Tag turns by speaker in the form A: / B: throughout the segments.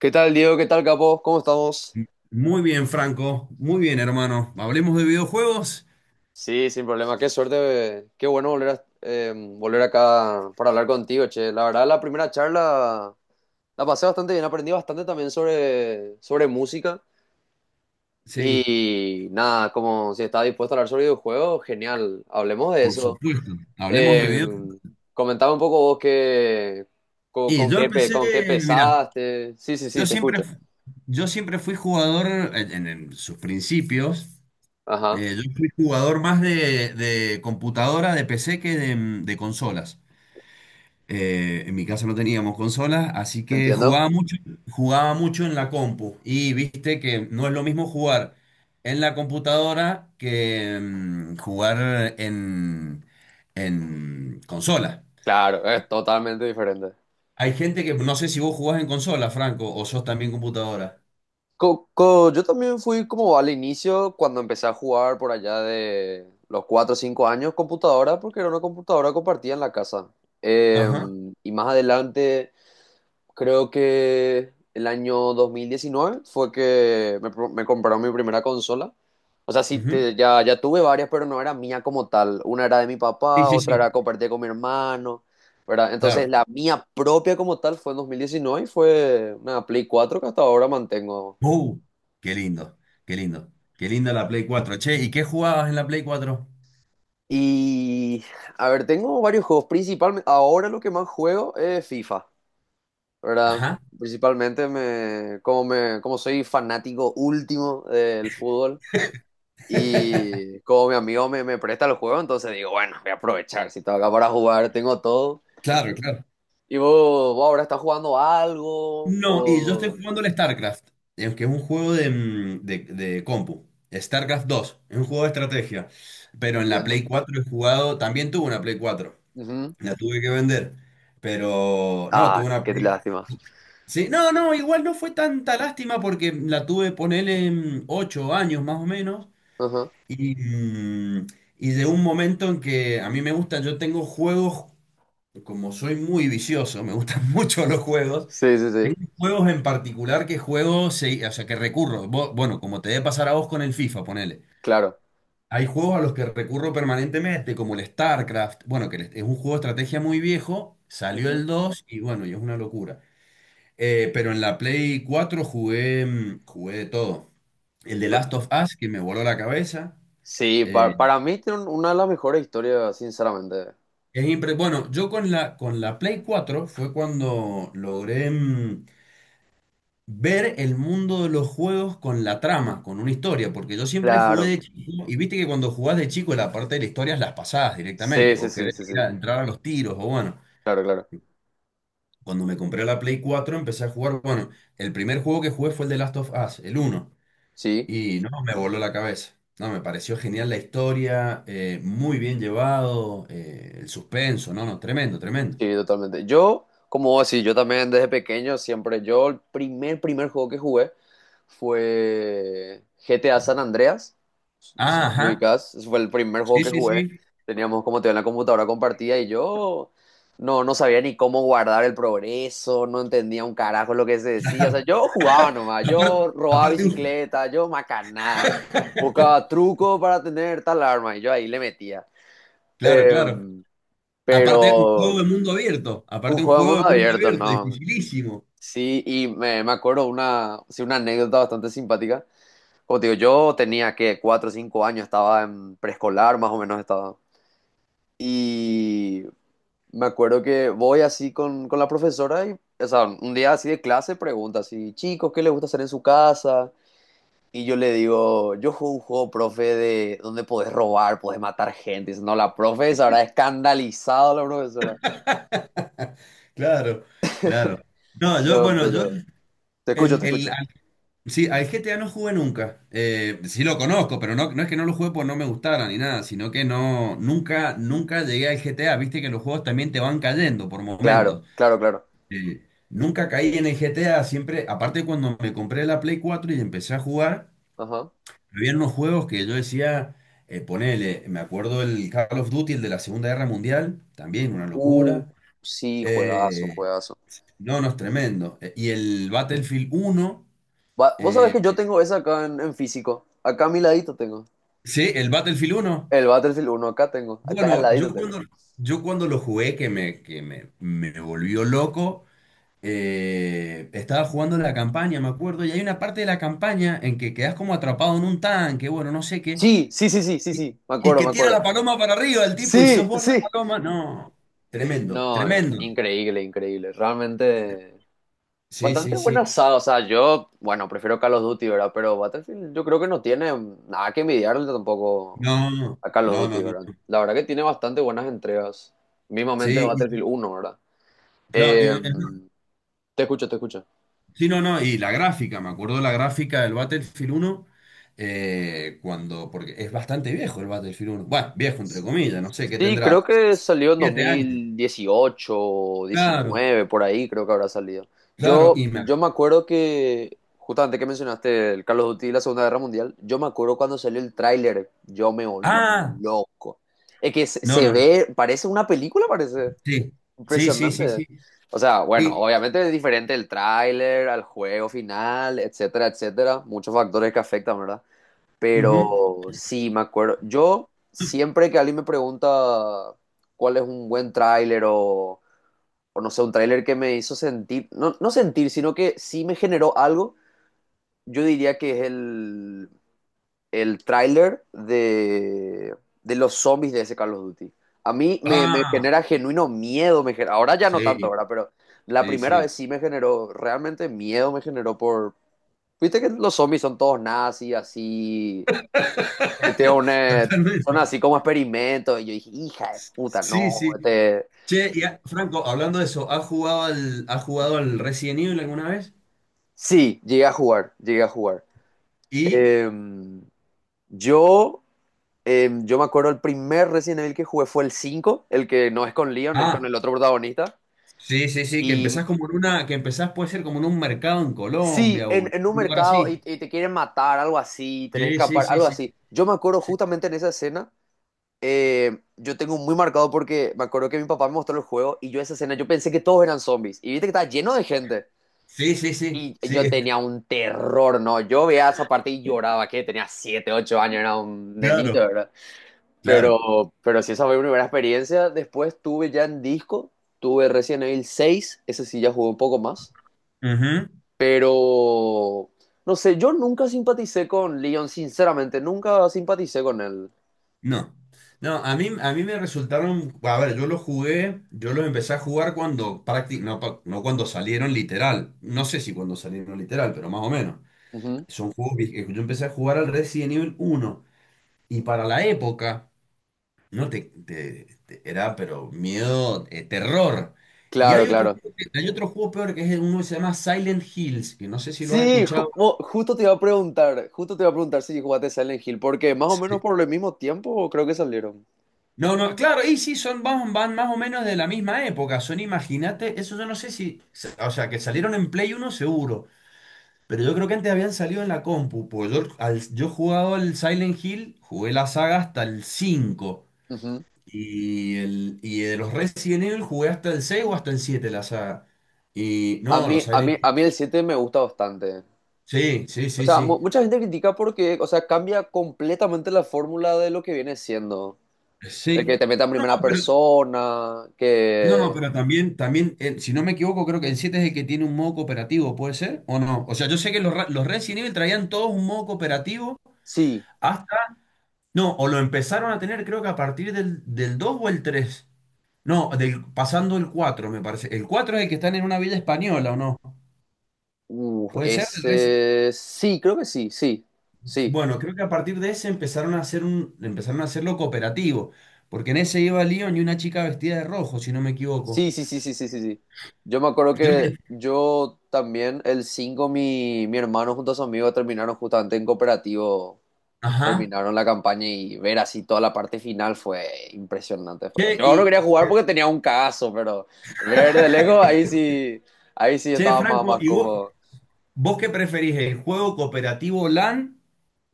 A: ¿Qué tal, Diego? ¿Qué tal, capo? ¿Cómo estamos?
B: Muy bien, Franco. Muy bien, hermano. ¿Hablemos de videojuegos?
A: Sí, sin problema. Qué suerte. Qué bueno volver a, volver acá para hablar contigo, che. La verdad, la primera charla la pasé bastante bien. Aprendí bastante también sobre música.
B: Sí,
A: Y nada, como si estás dispuesto a hablar sobre videojuegos, genial. Hablemos de
B: por
A: eso.
B: supuesto. Hablemos de
A: Eh,
B: videojuegos.
A: comentaba un poco vos qué, con,
B: Y
A: con
B: yo
A: qué, pe-
B: empecé,
A: con qué
B: mira,
A: pesaste. Sí, sí,
B: yo
A: sí, te
B: siempre,
A: escucho.
B: yo siempre fui jugador, en sus principios.
A: Ajá,
B: Yo fui jugador más de computadora, de PC que de consolas. En mi casa no teníamos consolas, así que
A: entiendo.
B: jugaba mucho en la compu. Y viste que no es lo mismo jugar en la computadora que jugar en consola.
A: Claro, es totalmente diferente.
B: Hay gente que no sé si vos jugás en consola, Franco, o sos también computadora.
A: Yo también fui como al inicio cuando empecé a jugar por allá de los 4 o 5 años computadora, porque era una computadora compartida en la casa. Eh,
B: Ajá,
A: y más adelante, creo que el año 2019 fue que me compraron mi primera consola. O sea, sí,
B: ujú.
A: ya tuve varias, pero no era mía como tal. Una era de mi
B: Sí,
A: papá,
B: sí,
A: otra
B: sí.
A: era compartida con mi hermano, ¿verdad?
B: Claro.
A: Entonces, la mía propia como tal fue en 2019 y fue una Play 4 que hasta ahora mantengo.
B: Uh, qué lindo, qué lindo. Qué linda la Play 4, Che. ¿Y qué jugabas en la Play 4?
A: Y, a ver, tengo varios juegos. Principalmente, ahora lo que más juego es FIFA, ¿verdad?
B: Ajá.
A: Principalmente me, como soy fanático último del fútbol y como mi amigo me presta los juegos entonces digo, bueno, voy a aprovechar. Si estaba acá para jugar, tengo todo.
B: Claro, claro.
A: Y vos, vos ahora estás jugando algo,
B: No, y yo estoy
A: o...
B: jugando el StarCraft, que es un juego de compu. StarCraft dos, es un juego de estrategia. Pero en la
A: Entiendo.
B: Play 4 he jugado, también tuve una Play 4,
A: Ujú.
B: la tuve que vender. Pero no, tuve
A: Ah,
B: una
A: qué
B: Play.
A: lástima.
B: Sí, no, no, igual no fue tanta lástima porque la tuve, ponele, 8 años más o menos.
A: Ajá.
B: Y, mm, y de un momento en que a mí me gusta, yo tengo juegos, como soy muy vicioso, me gustan mucho los juegos.
A: Sí, sí,
B: Tengo
A: sí,
B: juegos en particular que juego, o sea, que recurro. Bueno, como te debe pasar a vos con el FIFA, ponele.
A: claro.
B: Hay juegos a los que recurro permanentemente, como el StarCraft. Bueno, es un juego de estrategia muy viejo, salió el 2 y bueno, y es una locura. Pero en la Play 4 jugué de todo. El de
A: Ujú.
B: Last of Us, que me voló la cabeza.
A: Sí,
B: Eh,
A: para mí tiene una de las mejores historias, sinceramente.
B: bueno, yo con la Play 4 fue cuando logré ver el mundo de los juegos con la trama, con una historia, porque yo siempre jugué
A: Claro.
B: de chico, y viste que cuando jugás de chico la parte de la historia es las pasadas
A: Sí,
B: directamente,
A: sí,
B: o
A: sí,
B: querés
A: sí,
B: ir
A: sí.
B: a entrar a los tiros, o bueno,
A: Claro, claro.
B: cuando me compré la Play 4 empecé a jugar, bueno, el primer juego que jugué fue el de Last of Us, el uno,
A: Sí.
B: y no, me voló la cabeza. No, me pareció genial la historia, muy bien llevado, el suspenso, no, no, tremendo, tremendo.
A: Sí, totalmente. Yo, como vos decís, yo también desde pequeño siempre, yo el primer juego que jugué fue GTA San Andreas. No sé
B: Ah,
A: si me
B: ajá,
A: ubicás, ese fue el primer juego
B: sí,
A: que
B: sí,
A: jugué.
B: sí,
A: Teníamos como te digo, en la computadora compartida y yo no sabía ni cómo guardar el progreso, no entendía un carajo lo que se decía. O sea,
B: claro.
A: yo jugaba nomás,
B: Aparte,
A: yo robaba
B: aparte, un-
A: bicicleta, yo macanada, buscaba truco para tener tal arma y yo ahí le metía.
B: claro, claro.
A: Em,
B: Aparte, un juego de
A: pero
B: mundo abierto.
A: un
B: Aparte, un
A: juego de
B: juego
A: mundo
B: de mundo
A: abierto,
B: abierto,
A: ¿no?
B: dificilísimo.
A: Sí, y me acuerdo una, sí, una anécdota bastante simpática. Como te digo, yo tenía que 4 o 5 años, estaba en preescolar, más o menos estaba. Y me acuerdo que voy así con la profesora y, o sea, un día así de clase pregunta así, chicos, ¿qué les gusta hacer en su casa? Y yo le digo, yo juego un juego, profe, de donde podés robar, podés matar gente. Y dice, no, la profe se habrá escandalizado la profesora.
B: Claro, claro. No, yo,
A: No,
B: bueno, yo,
A: pero... Te escucho, te
B: el,
A: escucho.
B: al- sí, al GTA no jugué nunca. Sí lo conozco, pero no, no es que no lo jugué porque no me gustara ni nada, sino que no, nunca llegué al GTA. Viste que los juegos también te van cayendo por
A: Claro,
B: momentos.
A: claro, claro.
B: Nunca caí en el GTA, siempre, aparte cuando me compré la Play 4 y empecé a jugar.
A: Ajá.
B: Habían unos juegos que yo decía, ponele, me acuerdo el Call of Duty, el de la Segunda Guerra Mundial, también una
A: Uh,
B: locura.
A: sí, juegazo,
B: Eh,
A: juegazo.
B: no, no, es tremendo. Y el Battlefield uno.
A: Vos sabés
B: eh,
A: que yo tengo esa acá en físico. Acá a mi ladito tengo.
B: sí, el Battlefield uno.
A: El Battlefield 1 acá tengo. Acá al
B: Bueno,
A: ladito
B: yo
A: tengo.
B: cuando, yo cuando lo jugué, que me volvió loco. Estaba jugando la campaña, me acuerdo, y hay una parte de la campaña en que quedas como atrapado en un tanque, bueno, no sé qué.
A: Sí, sí, sí, sí, sí,
B: Y,
A: sí. Me
B: y
A: acuerdo,
B: que
A: me
B: tira
A: acuerdo.
B: la paloma para arriba el tipo y sos
A: Sí,
B: vos la
A: sí.
B: paloma. No, tremendo,
A: No,
B: tremendo.
A: increíble, increíble. Realmente
B: Sí,
A: bastante
B: sí,
A: buena
B: sí.
A: asada. O sea, yo, bueno, prefiero Call of Duty, ¿verdad? Pero Battlefield yo creo que no tiene nada que envidiarle tampoco
B: No, no,
A: a Call of
B: no, no.
A: Duty, ¿verdad?
B: No.
A: La verdad que tiene bastante buenas entregas. Mismamente
B: Sí,
A: Battlefield 1, ¿verdad?
B: claro,
A: Eh,
B: no,
A: Te escucho, te escucho.
B: sí, no, no. Y la gráfica, me acuerdo la gráfica del Battlefield uno. Cuando, porque es bastante viejo el Battlefield uno. Bueno, viejo entre comillas, no sé qué
A: Sí, creo
B: tendrá.
A: que salió en
B: 7 años.
A: 2018 o
B: Claro,
A: 19, por ahí creo que habrá salido.
B: claro.
A: Yo,
B: Y me...
A: yo me acuerdo que, justamente que mencionaste el Carlos of Duty y la Segunda Guerra Mundial, yo me acuerdo cuando salió el tráiler, yo me volví
B: Ah,
A: loco. Es que se,
B: no,
A: se
B: no, no.
A: ve, parece una película, parece
B: Sí, sí, sí, sí, sí.
A: impresionante. O sea, bueno,
B: Y,
A: obviamente es diferente el tráiler al juego final, etcétera, etcétera. Muchos factores que afectan,
B: ujú.
A: pero sí, me acuerdo. Yo siempre que alguien me pregunta cuál es un buen tráiler o no sé, un tráiler que me hizo sentir, no, no sentir, sino que sí me generó algo, yo diría que es el tráiler de los zombies de ese Call of Duty. A mí me
B: Ah,
A: genera genuino miedo, ahora ya no tanto,
B: sí,
A: ahora, pero la
B: sí,
A: primera
B: sí.
A: vez sí me generó, realmente miedo me generó por... Viste que los zombies son todos nazis, así tiene una, son
B: Totalmente.
A: así como experimentos. Y yo dije, hija de puta,
B: Sí,
A: no.
B: sí.
A: Este...
B: Che, y Franco, hablando de eso, ¿has jugado al Resident Evil alguna vez?
A: Sí, llegué a jugar, llegué a jugar.
B: Y.
A: Em, yo, yo me acuerdo el primer Resident Evil que jugué fue el 5 el que no es con Leon, es con
B: Ah,
A: el otro protagonista.
B: sí, sí, sí, que
A: Y
B: empezás como en una. Que empezás, puede ser como en un mercado en
A: sí,
B: Colombia o en
A: en un
B: un lugar
A: mercado
B: así.
A: y te quieren matar, algo así, tenés que
B: Sí, sí,
A: escapar,
B: sí,
A: algo
B: sí.
A: así. Yo me acuerdo
B: Sí,
A: justamente en esa escena, yo tengo muy marcado porque me acuerdo que mi papá me mostró el juego y yo esa escena, yo pensé que todos eran zombies. Y viste que estaba lleno de gente.
B: sí, sí, sí.
A: Y
B: Sí,
A: yo tenía un terror, ¿no? Yo veía esa parte y lloraba, que tenía 7 8 años, era un nenito,
B: claro,
A: ¿verdad?
B: claro.
A: Pero sí, esa fue mi primera experiencia. Después tuve ya en disco, tuve Resident Evil 6, ese sí ya jugó un poco más.
B: Ujú.
A: Pero, no sé, yo nunca simpaticé con Leon, sinceramente, nunca simpaticé con él.
B: No. No, a mí me resultaron. A ver, yo los jugué, yo los empecé a jugar cuando. No, no cuando salieron literal. No sé si cuando salieron literal, pero más o menos.
A: Ujú.
B: Yo empecé a jugar al Resident Evil uno. Y para la época, no te, te- te- era pero miedo, terror. Y
A: Claro,
B: hay otro,
A: claro.
B: juego que- hay otro juego peor que es uno que se llama Silent Hills, que no sé si lo has
A: Sí,
B: escuchado.
A: justo te iba a preguntar si jugaste Silent Hill, porque más o
B: Sí.
A: menos por el mismo tiempo creo que salieron.
B: No, no, claro, y sí, son, van, más o menos de la misma época. Son, imagínate, eso yo no sé si, o sea, que salieron en Play uno seguro, pero yo creo que antes habían salido en la compu, porque yo he jugado al Silent Hill, jugué la saga hasta el cinco. Y de los Resident Evil jugué hasta el 6 o hasta el 7 la saga. Y
A: A
B: no,
A: mí,
B: los
A: a mí,
B: Silent Hill.
A: a mí el 7 me gusta bastante.
B: Sí, sí,
A: O
B: sí,
A: sea,
B: sí.
A: mucha gente critica porque, o sea, cambia completamente la fórmula de lo que viene siendo. El que
B: Sí.
A: te meta en
B: No,
A: primera
B: pero,
A: persona,
B: no,
A: que...
B: pero también si no me equivoco, creo que el 7 es el que tiene un modo cooperativo, ¿puede ser? ¿O no? O sea, yo sé que los Resident Evil traían todos un modo cooperativo
A: Sí,
B: hasta... No, o lo empezaron a tener creo que a partir del 2 o el tres. No, pasando el 4 me parece. El 4 es el que están en una villa española, ¿o no?
A: uf,
B: ¿Puede ser?
A: ese... Sí, creo que sí, sí, sí.
B: Bueno, creo que a partir de ese empezaron a hacerlo cooperativo, porque en ese iba Leon y una chica vestida de rojo, si no me equivoco.
A: Sí, sí, sí, sí, sí, sí, sí. Yo me acuerdo
B: Creo
A: que
B: que,
A: yo también, el 5 mi hermano junto a su amigo terminaron justamente en cooperativo
B: ajá.
A: terminaron la campaña y ver así toda la parte final fue impresionante. Fue.
B: Che,
A: Yo no
B: y,
A: quería jugar porque tenía un cagazo, pero ver de lejos ahí sí
B: che,
A: estaba más,
B: Franco,
A: más
B: ¿y vos,
A: cómodo.
B: vos qué preferís, el juego cooperativo LAN?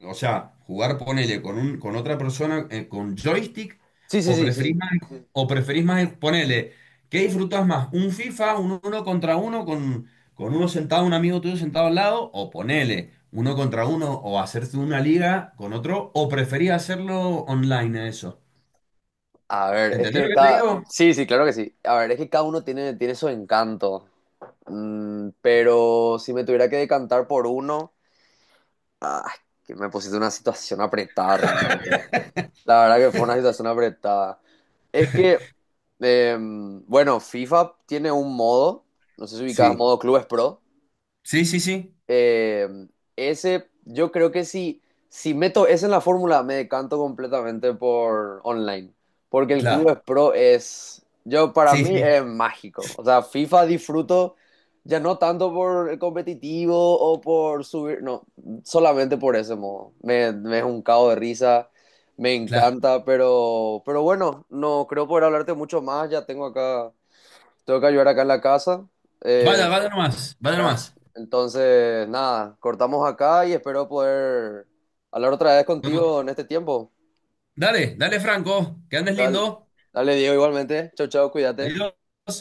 B: O sea, jugar, ponele, con otra persona, con joystick,
A: Sí, sí,
B: o
A: sí, sí,
B: preferís
A: sí.
B: más, ponele, ¿qué disfrutás más? ¿Un FIFA, un uno contra uno, con uno sentado, un amigo tuyo sentado al lado? O ponele, uno contra uno, o hacerse una liga con otro, o preferís hacerlo online a eso.
A: A ver, es
B: ¿Entendés lo
A: que
B: que te
A: cada...
B: digo?
A: Sí, sí, claro que sí. A ver, es que cada uno tiene su encanto. Pero si me tuviera que decantar por uno, ah, que me pusiste en una situación apretada realmente. La verdad que fue una situación apretada. Es que, bueno, FIFA tiene un modo, no sé si ubicabas
B: Sí,
A: modo Clubes Pro.
B: sí, sí, sí,
A: Eh, ese, yo creo que si meto esa en la fórmula, me decanto completamente por online. Porque el
B: claro,
A: Clubes Pro es, yo para
B: sí,
A: mí
B: sí,
A: es mágico. O sea, FIFA disfruto ya no tanto por el competitivo o por subir, no, solamente por ese modo. Me es un cago de risa, me
B: claro.
A: encanta, pero bueno, no creo poder hablarte mucho más. Ya tengo acá, tengo que ayudar acá en la casa.
B: Vaya,
A: eh,
B: vaya nomás, vaya
A: acá.
B: nomás.
A: Entonces, nada, cortamos acá y espero poder hablar otra vez
B: Vamos.
A: contigo en este tiempo.
B: Dale, dale, Franco, que andes
A: Dale,
B: lindo.
A: dale, Diego, igualmente. Chau, chau, cuídate.
B: Adiós.